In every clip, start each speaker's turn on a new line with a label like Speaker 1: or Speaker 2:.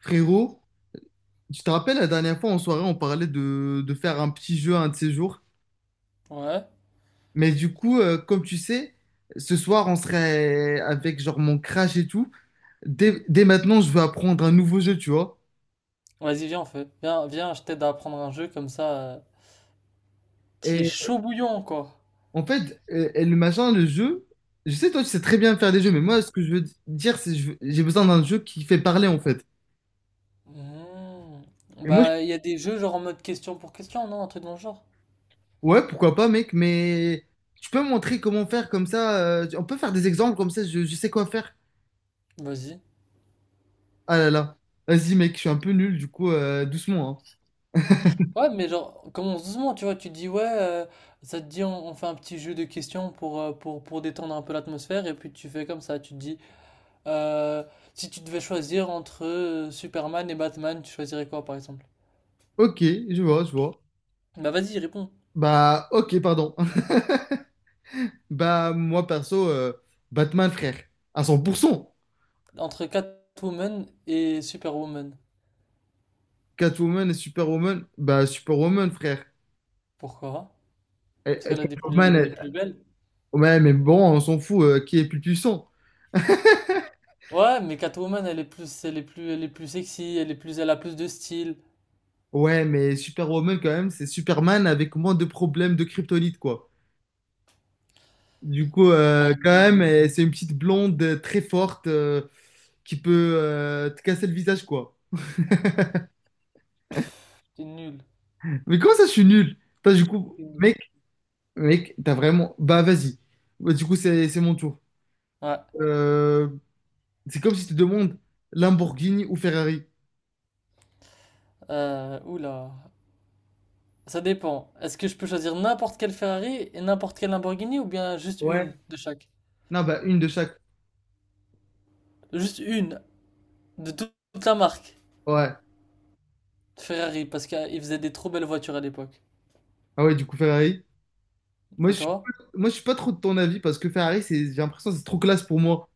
Speaker 1: Frérot, tu te rappelles la dernière fois en soirée, on parlait de faire un petit jeu un de ces jours.
Speaker 2: Ouais.
Speaker 1: Mais du coup, comme tu sais, ce soir, on serait avec genre mon crash et tout. Dès maintenant, je veux apprendre un nouveau jeu, tu vois.
Speaker 2: Vas-y, viens, on fait. Viens, viens, je t'aide à apprendre un jeu comme ça, qui est
Speaker 1: Et
Speaker 2: chaud bouillant, quoi.
Speaker 1: en fait, et le jeu, je sais, toi, tu sais très bien faire des jeux, mais moi, ce que je veux dire, c'est que j'ai besoin d'un jeu qui fait parler, en fait.
Speaker 2: Hmm.
Speaker 1: Et moi,
Speaker 2: Bah, il y a des jeux genre en mode question pour question, non? Un truc dans le genre.
Speaker 1: ouais, pourquoi pas, mec, mais tu peux me montrer comment faire comme ça. On peut faire des exemples comme ça, je sais quoi faire.
Speaker 2: Vas-y.
Speaker 1: Ah là là. Vas-y, mec, je suis un peu nul, du coup, doucement, hein.
Speaker 2: Ouais, mais genre, commence doucement, tu vois. Tu te dis, ouais, ça te dit, on fait un petit jeu de questions pour détendre un peu l'atmosphère. Et puis tu fais comme ça. Tu te dis, euh, si tu devais choisir entre Superman et Batman, tu choisirais quoi, par exemple?
Speaker 1: Ok, je vois, je vois.
Speaker 2: Bah, vas-y, réponds.
Speaker 1: Bah, ok, pardon. Bah, moi, perso, Batman, frère. À 100%.
Speaker 2: Entre Catwoman et Superwoman.
Speaker 1: Catwoman et Superwoman. Bah, Superwoman, frère.
Speaker 2: Pourquoi?
Speaker 1: Eh,
Speaker 2: Parce
Speaker 1: eh,
Speaker 2: qu'elle a des
Speaker 1: Catwoman,
Speaker 2: plus, elle est
Speaker 1: elle-
Speaker 2: plus belle.
Speaker 1: Ouais, mais bon, on s'en fout, qui est plus puissant?
Speaker 2: Ouais, mais Catwoman, elle est plus sexy, elle est plus, elle a plus de style.
Speaker 1: Ouais, mais Superwoman, quand même, c'est Superman avec moins de problèmes de kryptonite, quoi. Du coup,
Speaker 2: Hmm.
Speaker 1: quand même, eh, c'est une petite blonde très forte qui peut te casser le visage, quoi.
Speaker 2: T'es nul.
Speaker 1: Mais comment ça, je suis nul? T'as du coup,
Speaker 2: T'es nul.
Speaker 1: mec, mec, t'as vraiment. Bah, vas-y. Bah, du coup, c'est mon tour.
Speaker 2: Ouais.
Speaker 1: Euh, c'est comme si tu demandes Lamborghini ou Ferrari.
Speaker 2: Oula. Ça dépend. Est-ce que je peux choisir n'importe quelle Ferrari et n'importe quelle Lamborghini ou bien juste
Speaker 1: Ouais.
Speaker 2: une de chaque?
Speaker 1: Non, bah, une de chaque.
Speaker 2: Juste une de toute la marque
Speaker 1: Ouais.
Speaker 2: Ferrari parce qu'ils faisaient des trop belles voitures à l'époque.
Speaker 1: Ah ouais, du coup, Ferrari. Moi,
Speaker 2: Et
Speaker 1: je suis
Speaker 2: toi?
Speaker 1: pas, moi, je suis pas trop de ton avis parce que Ferrari, c'est, j'ai l'impression que c'est trop classe pour moi.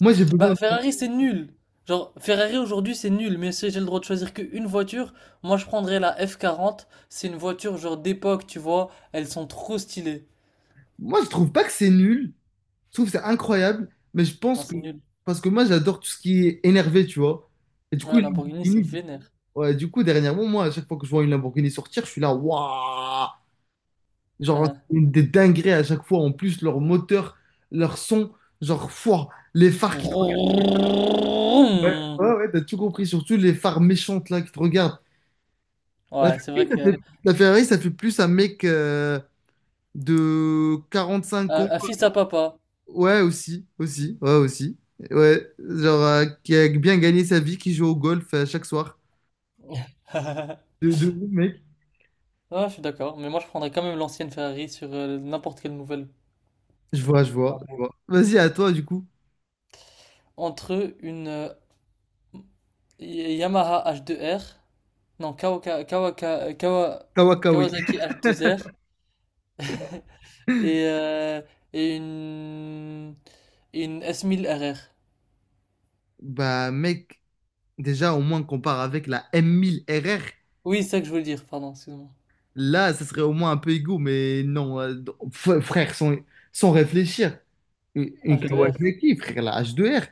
Speaker 1: Moi, j'ai besoin.
Speaker 2: Bah, Ferrari, c'est nul. Genre, Ferrari aujourd'hui, c'est nul. Mais si j'ai le droit de choisir qu'une voiture, moi, je prendrais la F40. C'est une voiture, genre, d'époque, tu vois. Elles sont trop stylées.
Speaker 1: Moi, je trouve pas que c'est nul. Je trouve que c'est incroyable. Mais je
Speaker 2: Non,
Speaker 1: pense que.
Speaker 2: c'est nul.
Speaker 1: Parce que moi, j'adore tout ce qui est énervé, tu vois. Et du coup,
Speaker 2: Ouais, Lamborghini, c'est
Speaker 1: Lamborghini,
Speaker 2: vénère.
Speaker 1: ouais, du coup, dernièrement, moi, à chaque fois que je vois une Lamborghini sortir, je suis là, waouh! Genre, c'est une des dingueries à chaque fois. En plus, leur moteur, leur son, genre, fouah, les phares qui te regardent. Ouais, ouais, ouais, t'as tout compris. Surtout les phares méchantes, là, qui te regardent. La,
Speaker 2: Ouais, c'est vrai que.
Speaker 1: la Ferrari, ça fait plus un mec de 5 ans.
Speaker 2: Un fils à papa.
Speaker 1: Ouais, aussi, aussi. Ouais, genre, qui a bien gagné sa vie, qui joue au golf chaque soir. De ouf, mec.
Speaker 2: Ouais, je suis d'accord. Mais moi, je prendrais quand même l'ancienne Ferrari sur n'importe quelle nouvelle.
Speaker 1: Je vois, je vois, je vois.
Speaker 2: Lambo.
Speaker 1: Vas-y, à toi, du coup.
Speaker 2: Entre une, Yamaha H2R, non,
Speaker 1: Kawakawi.
Speaker 2: Kawasaki H2R et, euh, et une S1000 RR.
Speaker 1: Bah, mec, déjà, au moins, qu'on part avec la M1000 RR.
Speaker 2: Oui, c'est ça que je voulais dire, pardon, excuse-moi.
Speaker 1: Là, ça serait au moins un peu égaux, mais non, frère, sans réfléchir. Une
Speaker 2: H2R.
Speaker 1: Kawasaki, frère, la H2R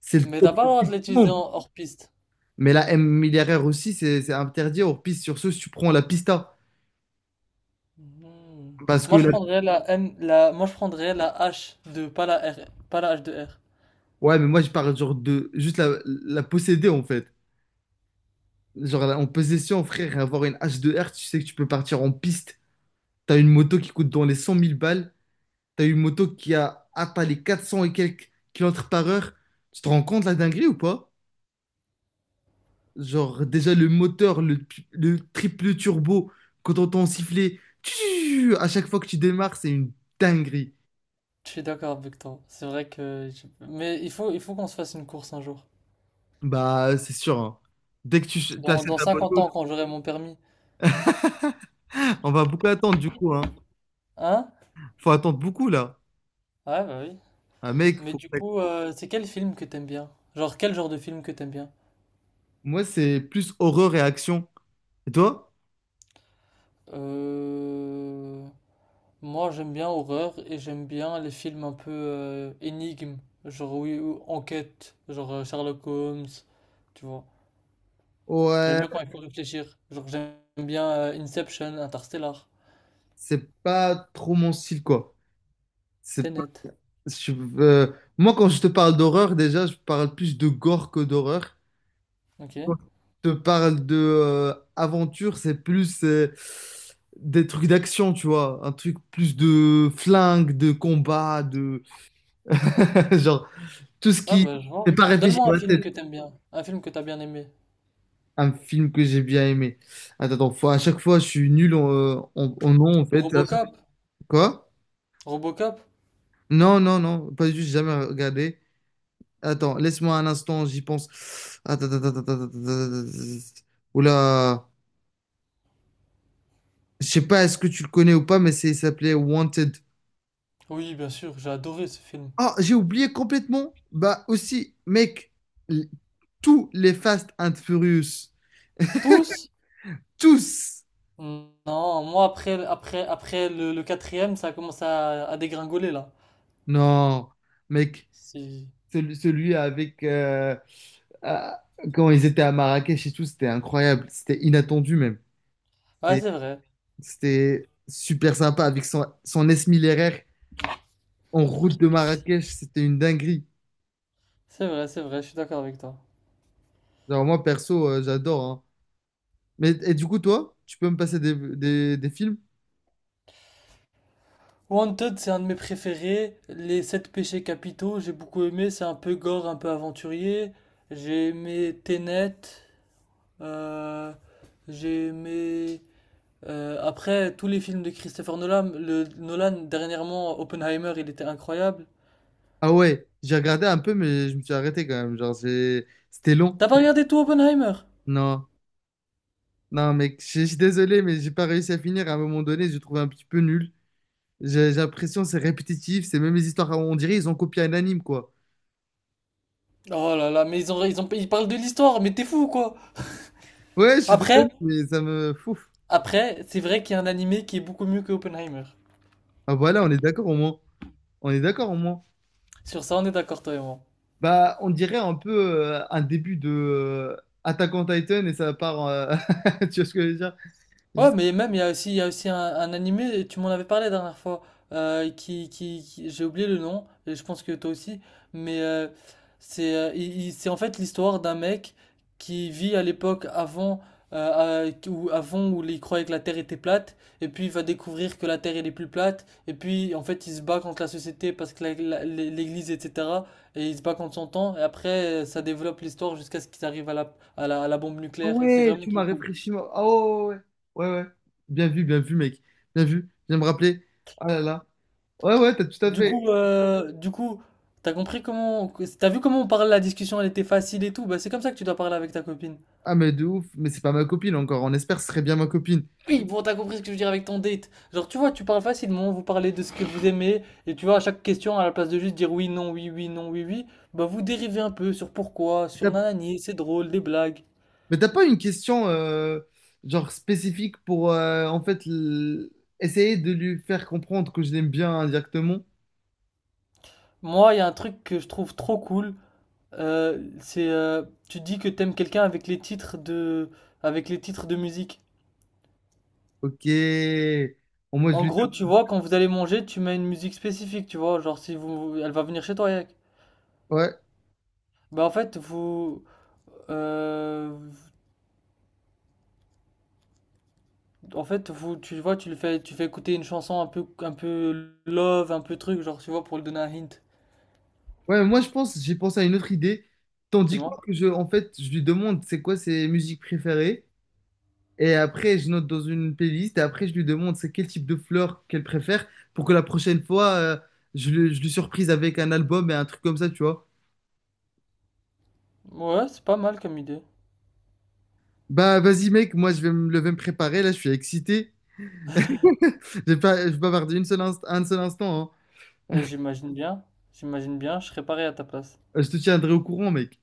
Speaker 1: c'est le
Speaker 2: Mais t'as
Speaker 1: top
Speaker 2: pas le droit de
Speaker 1: du
Speaker 2: l'utiliser en
Speaker 1: monde.
Speaker 2: hors piste.
Speaker 1: Mais la M1000 RR aussi, c'est interdit hors piste. Sur ce, si tu prends la Pista.
Speaker 2: Mhm.
Speaker 1: Parce que,
Speaker 2: Moi, je
Speaker 1: la-
Speaker 2: prendrais la M, la, moi, je prendrais la H2, pas la R, pas la H2R.
Speaker 1: ouais, mais moi, je parle genre de juste la posséder, en fait. Genre, en possession, frère, avoir une H2R tu sais que tu peux partir en piste. T'as une moto qui coûte dans les 100 000 balles. T'as une moto qui a atteint les 400 et quelques kilomètres par heure. Tu te rends compte la dinguerie ou pas? Genre, déjà le moteur, le triple turbo, quand on t'entend siffler, tchou, à chaque fois que tu démarres, c'est une dinguerie.
Speaker 2: Je suis d'accord avec toi. C'est vrai que, mais il faut qu'on se fasse une course un jour.
Speaker 1: Bah, c'est sûr, hein. Dès que
Speaker 2: Dans,
Speaker 1: t'achètes
Speaker 2: dans
Speaker 1: ta
Speaker 2: 50
Speaker 1: moto,
Speaker 2: ans, quand j'aurai mon permis.
Speaker 1: on va beaucoup attendre du coup, hein.
Speaker 2: Hein?
Speaker 1: Faut attendre beaucoup là.
Speaker 2: Ouais, bah oui.
Speaker 1: Un mec,
Speaker 2: Mais
Speaker 1: faut...
Speaker 2: du coup, c'est quel film que t'aimes bien? Genre, quel genre de film que t'aimes bien?
Speaker 1: Moi, c'est plus horreur et action. Et toi?
Speaker 2: Euh, Moi, j'aime bien horreur et j'aime bien les films un peu énigmes, genre oui, ou enquête, genre Sherlock Holmes, tu vois. J'aime
Speaker 1: Ouais,
Speaker 2: bien quand il faut réfléchir. Genre, j'aime bien Inception, Interstellar,
Speaker 1: c'est pas trop mon style quoi. C'est pas-
Speaker 2: Tenet.
Speaker 1: je- euh, Moi, quand je te parle d'horreur, déjà, je parle plus de gore que d'horreur.
Speaker 2: Ok.
Speaker 1: Quand je te parle de aventure, c'est plus des trucs d'action, tu vois. Un truc plus de flingue, de combat, de. Genre, tout ce
Speaker 2: Ah,
Speaker 1: qui.
Speaker 2: bah, je
Speaker 1: C'est
Speaker 2: vois.
Speaker 1: pas réfléchi
Speaker 2: Donne-moi
Speaker 1: dans
Speaker 2: un
Speaker 1: la
Speaker 2: film que
Speaker 1: tête.
Speaker 2: t'aimes bien, un film que t'as bien aimé.
Speaker 1: Un film que j'ai bien aimé. Attends, attends, à chaque fois, je suis nul en nom, en fait.
Speaker 2: Robocop?
Speaker 1: Quoi?
Speaker 2: Robocop?
Speaker 1: Non, non, non, pas du tout, j'ai jamais regardé. Attends, laisse-moi un instant, j'y pense. Attends, attends, attends, attends, attends, attends, oula. Je sais pas, est-ce que tu le connais ou pas, mais il s'appelait Wanted.
Speaker 2: Oui, bien sûr, j'ai adoré ce film.
Speaker 1: Ah, j'ai oublié complètement. Bah aussi, mec, l- tous les Fast and Furious,
Speaker 2: Tous?
Speaker 1: tous.
Speaker 2: Non, moi après le quatrième, ça commence à dégringoler là.
Speaker 1: Non, mec,
Speaker 2: Si-
Speaker 1: celui avec... ah, quand ils étaient à Marrakech et tout, c'était incroyable. C'était inattendu même.
Speaker 2: Ouais,
Speaker 1: Et
Speaker 2: c'est vrai.
Speaker 1: c'était super sympa avec son S1000 RR. En route de Marrakech, c'était une dinguerie.
Speaker 2: C'est vrai, c'est vrai, je suis d'accord avec toi.
Speaker 1: Genre, moi, perso, j'adore, hein. Mais et du coup, toi, tu peux me passer des films?
Speaker 2: Wanted, c'est un de mes préférés. Les sept péchés capitaux, j'ai beaucoup aimé. C'est un peu gore, un peu aventurier. J'ai aimé Tenet. euh, j'ai aimé. Après, tous les films de Christopher Nolan, dernièrement, Oppenheimer, il était incroyable.
Speaker 1: Ah ouais, j'ai regardé un peu, mais je me suis arrêté quand même. Genre, c'était long.
Speaker 2: T'as pas regardé tout Oppenheimer?
Speaker 1: Non, non, mec, je suis désolé, mais j'ai pas réussi à finir. À un moment donné, j'ai trouvé un petit peu nul. J'ai l'impression que c'est répétitif, c'est même les histoires. On dirait ils ont copié un anime, quoi.
Speaker 2: Oh là là, mais ils parlent de l'histoire, mais t'es fou quoi.
Speaker 1: Ouais, je suis
Speaker 2: Après,
Speaker 1: désolé, mais ça me fouf.
Speaker 2: après, c'est vrai qu'il y a un animé qui est beaucoup mieux que Oppenheimer.
Speaker 1: Ah voilà, on est d'accord au moins. On est d'accord au moins.
Speaker 2: Sur ça, on est d'accord, toi et moi.
Speaker 1: Bah, on dirait un peu un début de Attack on Titan et ça part. Tu vois ce que je veux dire?
Speaker 2: Ouais,
Speaker 1: Juste,
Speaker 2: mais même, il y a aussi un animé, tu m'en avais parlé la dernière fois, j'ai oublié le nom, et je pense que toi aussi, mais c'est en fait l'histoire d'un mec qui vit à l'époque avant, où, avant où il croyait que la Terre était plate, et puis il va découvrir que la Terre elle est plus plate, et puis en fait il se bat contre la société parce que l'Église, etc., et il se bat contre son temps, et après ça développe l'histoire jusqu'à ce qu'ils arrivent à la bombe
Speaker 1: ah
Speaker 2: nucléaire, et c'est
Speaker 1: ouais,
Speaker 2: vraiment
Speaker 1: tu
Speaker 2: trop
Speaker 1: m'as
Speaker 2: cool.
Speaker 1: réfléchi, moi. Ah ouais, ouais, ouais, ouais, ouais. Bien vu, mec. Bien vu. Viens me rappeler. Ah là là. Ouais, ouais, t'as tout à
Speaker 2: Du coup,
Speaker 1: fait.
Speaker 2: euh, du coup, t'as compris comment, t'as vu comment on parle, la discussion, elle était facile et tout. Bah, c'est comme ça que tu dois parler avec ta copine.
Speaker 1: Ah, mais de ouf. Mais c'est pas ma copine encore. On espère que ce serait bien ma copine.
Speaker 2: Oui, bon, t'as compris ce que je veux dire avec ton date. Genre, tu vois, tu parles facilement, vous parlez de ce que vous aimez, et tu vois, à chaque question, à la place de juste dire oui, non, oui, oui, non, oui, oui, bah, vous dérivez un peu sur pourquoi, sur
Speaker 1: T'as-
Speaker 2: nanani, c'est drôle, des blagues.
Speaker 1: Mais t'as pas une question genre spécifique pour en fait essayer de lui faire comprendre que je l'aime bien indirectement?
Speaker 2: Moi, il y a un truc que je trouve trop cool, euh, c'est, euh, tu dis que t'aimes quelqu'un avec avec les titres de musique.
Speaker 1: Ok. Au moins, je
Speaker 2: En
Speaker 1: lui.
Speaker 2: gros, tu vois, quand vous allez manger, tu mets une musique spécifique, tu vois. Genre, si vous, elle va venir chez toi, Yak.
Speaker 1: Ouais.
Speaker 2: Bah, en fait, euh, vous, tu vois, tu le fais, tu fais écouter une chanson un peu love, un peu truc, genre, tu vois, pour lui donner un hint.
Speaker 1: Ouais, moi je pense, j'ai pensé à une autre idée. Tandis quoi
Speaker 2: Dis-moi.
Speaker 1: que en fait, je lui demande c'est quoi ses musiques préférées, et après je note dans une playlist, et après je lui demande c'est quel type de fleurs qu'elle préfère, pour que la prochaine fois, je lui surprise avec un album et un truc comme ça, tu vois.
Speaker 2: Ouais, c'est pas mal comme idée.
Speaker 1: Bah vas-y mec, moi je vais me lever me préparer, là je suis excité. J'ai pas, je bavardé une seule un seul instant, hein.
Speaker 2: Euh, j'imagine bien, j'imagine bien, je serais pareil à ta place.
Speaker 1: Je te tiendrai au courant mec.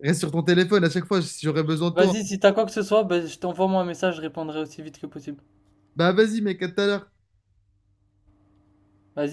Speaker 1: Reste sur ton téléphone à chaque fois si j'aurai besoin de toi.
Speaker 2: Vas-y, si t'as quoi que ce soit, bah, je t'envoie moi un message, je répondrai aussi vite que possible.
Speaker 1: Bah vas-y mec, à tout à l'heure.
Speaker 2: Vas-y.